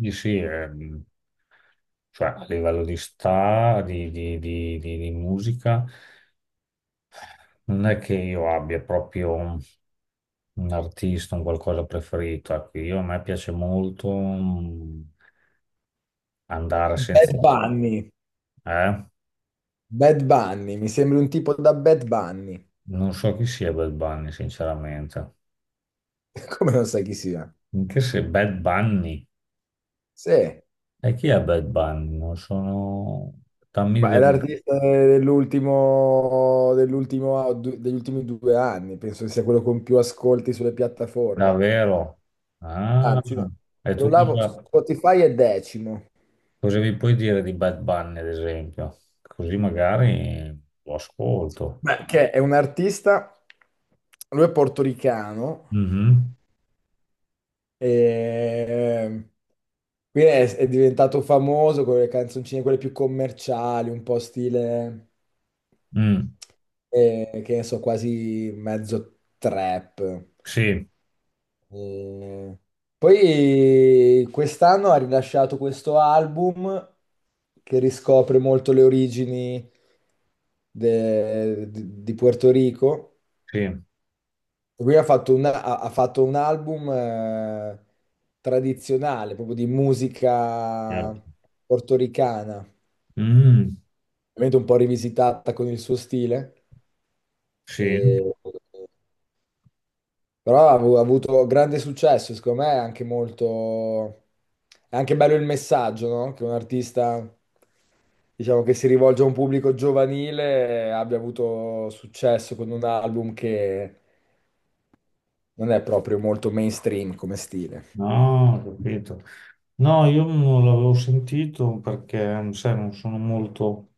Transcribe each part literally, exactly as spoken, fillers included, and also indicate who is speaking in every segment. Speaker 1: Sì, sì, ehm, cioè, a livello di sta, di, di- di- di- di musica, non è che io abbia proprio un un artista, un qualcosa preferito. Ecco, io, a me piace molto mm, andare senza...
Speaker 2: Bad Bunny.
Speaker 1: Eh?
Speaker 2: Bad Bunny, mi sembri un tipo da Bad Bunny.
Speaker 1: Non so chi sia Bad Bunny, sinceramente.
Speaker 2: Come non sai chi sia?
Speaker 1: Anche se Bad Bunny...
Speaker 2: Sì, ma
Speaker 1: E chi è Bad Bunny? Non sono... Dammi
Speaker 2: è
Speaker 1: del...
Speaker 2: l'artista dell'ultimo, dell'ultimo, du- degli ultimi due anni, penso che sia quello con più ascolti sulle piattaforme.
Speaker 1: Davvero? Ah,
Speaker 2: Anzi, no,
Speaker 1: e tu
Speaker 2: scrollavo,
Speaker 1: cosa...
Speaker 2: Spotify è decimo.
Speaker 1: Cosa mi puoi dire di Bad Bunny, ad esempio? Così magari lo ascolto.
Speaker 2: Beh, che è un artista, lui è portoricano.
Speaker 1: Mhm.
Speaker 2: E... quindi è, è diventato famoso con le canzoncine, quelle più commerciali, un po' stile,
Speaker 1: Mm.
Speaker 2: eh, che ne so, quasi mezzo trap.
Speaker 1: Sì,
Speaker 2: E poi quest'anno ha rilasciato questo album che riscopre molto le origini de- di di Puerto Rico.
Speaker 1: sì.
Speaker 2: Lui ha fatto un, ha- ha fatto un album eh, tradizionale, proprio di
Speaker 1: Eh.
Speaker 2: musica portoricana,
Speaker 1: Mm,
Speaker 2: ovviamente un po' rivisitata con il suo stile,
Speaker 1: sì.
Speaker 2: e- però ha avu- ha avuto grande successo, secondo me è anche molto... è anche bello il messaggio, no? Che un artista, diciamo, che si rivolge a un pubblico giovanile eh, abbia avuto successo con un album che non è proprio molto mainstream come stile.
Speaker 1: No, ho capito. No, io non l'avevo sentito perché, sai, non sono molto...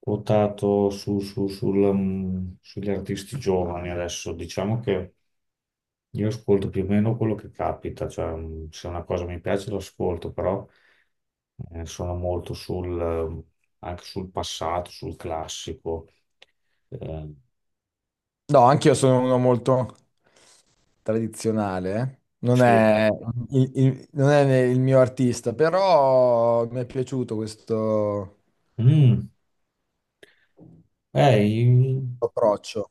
Speaker 1: quotato su- su- sul, mm, sugli artisti giovani adesso. Diciamo che io ascolto più o meno quello che capita, cioè mm, se una cosa mi piace l'ascolto, però eh, sono molto sul, eh, anche sul passato, sul classico. Eh,
Speaker 2: No, anch'io sono uno molto tradizionale, eh. Non
Speaker 1: Sì.
Speaker 2: è il, il- non è il mio artista, però mi è piaciuto questo
Speaker 1: mm, eh, i-
Speaker 2: approccio.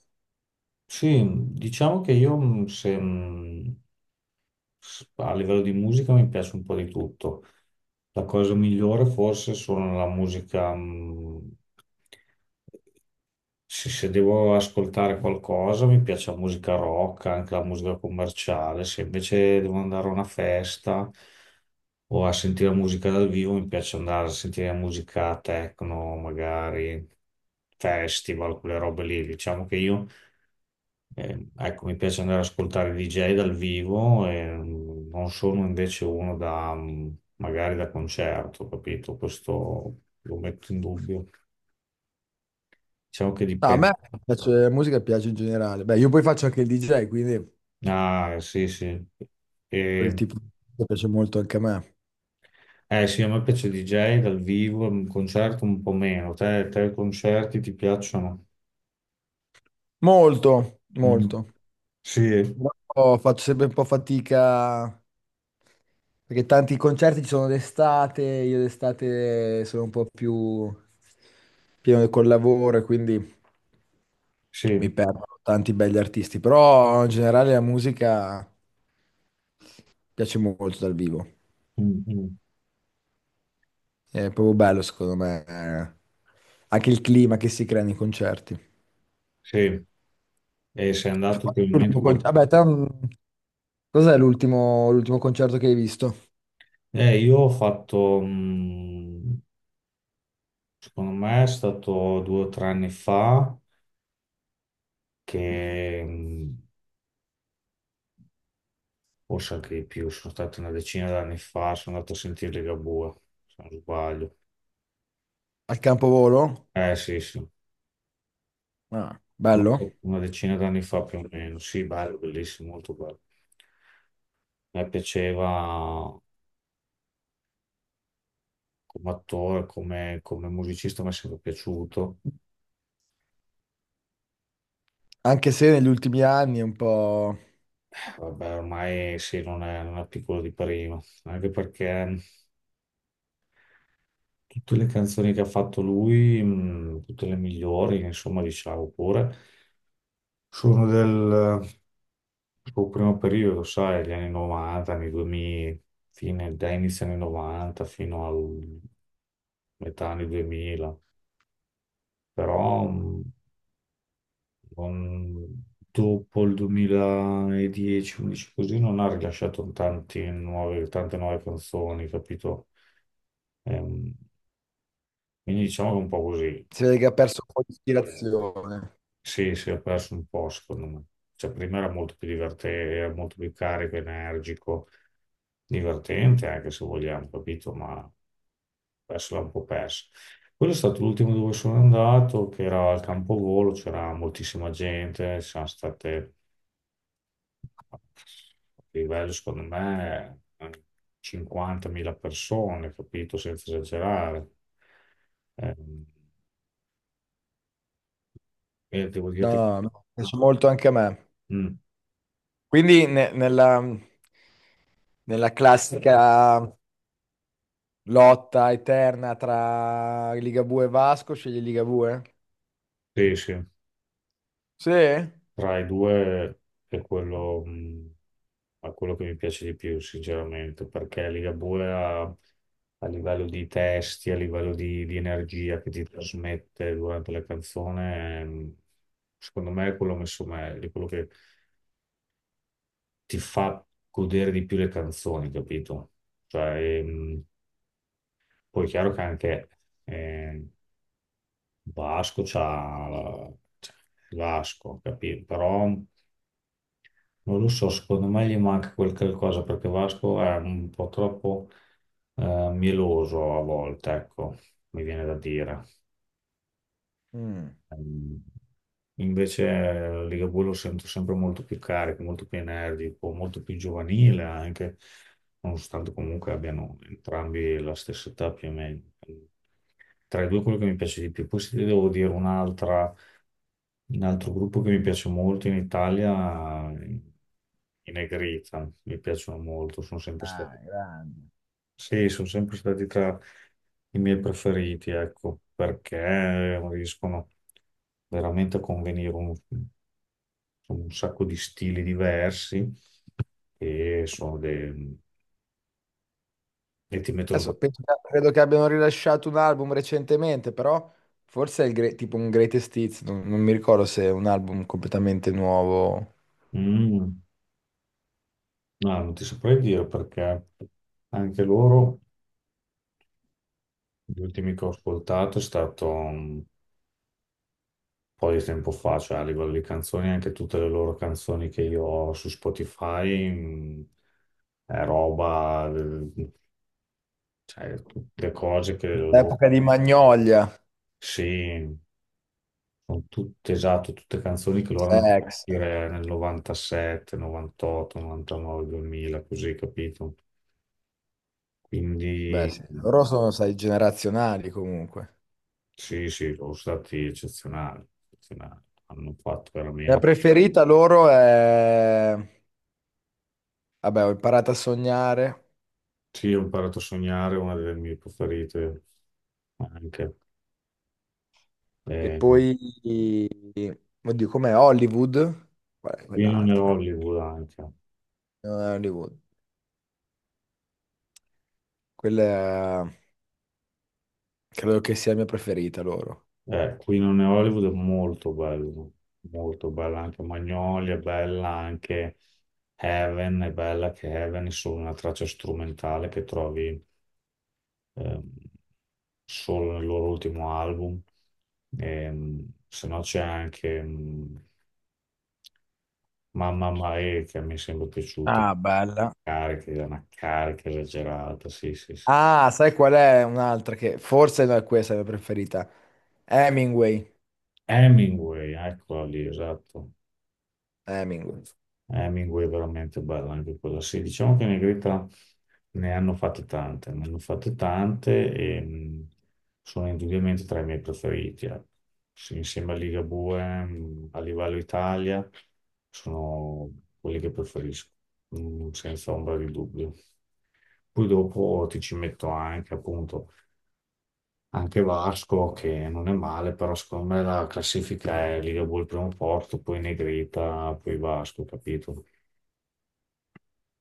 Speaker 1: sì, diciamo che io mm, se, mm, A livello di musica mi piace un po' di tutto. La cosa migliore forse sono la musica, mh, se, se devo ascoltare qualcosa mi piace la musica rock, anche la musica commerciale, se invece devo andare a una festa o a sentire musica dal vivo mi piace andare a sentire musica techno, magari festival, quelle robe lì. Diciamo che io eh, ecco, mi piace andare ad ascoltare D J dal vivo e mm, non sono invece uno da mm, magari da concerto, capito? Questo lo metto in dubbio. Diciamo che
Speaker 2: No, a me
Speaker 1: dipende.
Speaker 2: piace, la musica piace in generale. Beh, io poi faccio anche il D J, quindi
Speaker 1: Ah, sì, sì.
Speaker 2: quel
Speaker 1: E-
Speaker 2: tipo di musica piace molto anche a me.
Speaker 1: eh sì, a me piace D J dal vivo, un concerto un po' meno. Te, te i concerti ti piacciono?
Speaker 2: Molto,
Speaker 1: Mm.
Speaker 2: molto.
Speaker 1: Sì,
Speaker 2: No, faccio sempre un po' fatica perché tanti concerti ci sono d'estate, io d'estate sono un po' più pieno col lavoro e quindi mi
Speaker 1: sì.
Speaker 2: perdo tanti belli artisti, però in generale la musica piace molto dal vivo,
Speaker 1: Mm, mm.
Speaker 2: è proprio bello secondo me, eh, anche il clima che si crea nei concerti.
Speaker 1: Sì. E sei andato ultimamente
Speaker 2: L'ultimo con-
Speaker 1: qual-
Speaker 2: Vabbè, te, mm, cos'è l'ultimo l'ultimo concerto che hai visto?
Speaker 1: Eh, io ho fatto... mm, Secondo me è stato due o tre anni fa, che mh, forse anche di più, sono stato una decina d'anni fa, sono andato a sentire Ligabue, se non sbaglio.
Speaker 2: Al Campovolo?
Speaker 1: Eh sì, sì.
Speaker 2: Ah,
Speaker 1: Ma
Speaker 2: bello.
Speaker 1: sì, una decina d'anni fa più o meno. Sì, bello, bellissimo, molto bello. Mi piaceva come attore, come, come musicista, mi è sempre piaciuto.
Speaker 2: Anche se negli ultimi anni è un po'...
Speaker 1: Vabbè, ormai sì, non è, non è piccolo di prima, anche perché tutte le canzoni che ha fatto lui, mh, tutte le migliori, insomma, diciamo pure, sono del suo primo periodo, sai, gli anni novanta, anni duemila, fine, da inizio anni novanta fino al metà anni duemila, però mh, non- dopo il duemiladieci-undici così non ha rilasciato tanti nuove- tante nuove canzoni, capito? Ehm, quindi diciamo che è un po' così.
Speaker 2: si vede che ha perso un po' di ispirazione.
Speaker 1: Sì, si è perso un po', secondo me. Cioè, prima era molto più divertente, era molto più carico, energico, divertente anche se vogliamo, capito? Ma adesso l'ha un po' perso. Quello è stato l'ultimo dove sono andato, che era al Campovolo, c'era moltissima gente, ci sono state, a livello secondo me, cinquantamila persone, capito? Senza esagerare. Eh, e devo dirti che...
Speaker 2: No, no, mi piace molto anche a me.
Speaker 1: Mm,
Speaker 2: Quindi ne- nella, nella classica lotta eterna tra Ligabue e Vasco, scegli Ligabue?
Speaker 1: sì, sì.
Speaker 2: Sì?
Speaker 1: Tra i due è quello, mh, è quello che mi piace di più, sinceramente, perché Ligabue ha, a livello di testi, a livello di, di energia che ti trasmette durante la canzone, mh, secondo me è quello messo meglio, è quello che ti fa godere di più le canzoni, capito? Cioè, ehm, poi è chiaro che anche eh, Vasco c'ha la- c'ha Vasco, capito? Però Non lo so, secondo me gli manca quel qualcosa perché Vasco è un po' troppo eh, mieloso a volte, ecco, mi viene da dire.
Speaker 2: Mm.
Speaker 1: Ehm, Invece eh, Ligabue lo sento sempre molto più carico, molto più energico, molto più giovanile anche, nonostante comunque abbiano entrambi la stessa età più o meno. Tra i due quello che mi piace di più. Poi se ti devo dire un'altra un altro gruppo che mi piace molto in Italia, i Negrita, mi piacciono molto, sono sempre
Speaker 2: Ah,
Speaker 1: stati,
Speaker 2: grande.
Speaker 1: sì, sono sempre stati tra i miei preferiti, ecco, perché riescono veramente a convenire un, insomma, un sacco di stili diversi e, sono dei- e ti mettono...
Speaker 2: Adesso penso che- credo che abbiano rilasciato un album recentemente, però forse è il gre- tipo un Greatest Hits, non, non mi ricordo se è un album completamente nuovo.
Speaker 1: Mm, no, non ti saprei dire perché anche loro, gli ultimi che ho ascoltato è stato... mm, po' di tempo fa, cioè a livello di canzoni, anche tutte le loro canzoni che io ho su Spotify, mh, è roba, eh, cioè tutte cose che loro-
Speaker 2: L'epoca di Magnolia.
Speaker 1: Sì, sono tutte, esatto, tutte canzoni che loro hanno fatto
Speaker 2: Sex.
Speaker 1: uscire nel novantasette, novantotto, novantanove, duemila, così, capito?
Speaker 2: Beh,
Speaker 1: Quindi
Speaker 2: sì.
Speaker 1: mh,
Speaker 2: Loro sono, sai, generazionali comunque.
Speaker 1: sì, sì, sono stati eccezionali, eccezionali. Hanno fatto
Speaker 2: La
Speaker 1: veramente...
Speaker 2: preferita loro è... Vabbè, ho imparato a sognare.
Speaker 1: Sì, ho imparato a sognare, una delle mie preferite anche.
Speaker 2: E
Speaker 1: Eh,
Speaker 2: poi... Oddio, com'è? Hollywood? Qual è
Speaker 1: Qui non è
Speaker 2: quell'altra?
Speaker 1: Hollywood anche.
Speaker 2: Non è Hollywood. Quella è- credo che sia la mia preferita loro.
Speaker 1: Eh, qui non è Hollywood è molto bello, molto bella anche Magnolia, è bella anche Heaven, è bella che Heaven è solo una traccia strumentale che trovi ehm, solo nel loro ultimo album. Ehm, se no c'è anche mm, Mamma Mae che mi sembra piaciuta,
Speaker 2: Ah, bella.
Speaker 1: carica, una carica esagerata, sì sì sì.
Speaker 2: Ah, sai qual è un'altra che forse non è questa la mia preferita? Hemingway.
Speaker 1: Hemingway, eccola lì, esatto.
Speaker 2: Hemingway.
Speaker 1: Hemingway è veramente bella anche quella, sì. Diciamo che Negrita ne hanno fatte tante, ne hanno fatte tante e mh, sono indubbiamente tra i miei preferiti. ecco. Sì, insieme a Ligabue, mh, a livello Italia, sono quelli che preferisco, mh, senza ombra di dubbio. Poi dopo ti ci metto anche, appunto, anche Vasco, che non è male, però secondo me la classifica è Ligabue al primo posto, poi Negrita, poi Vasco, capito?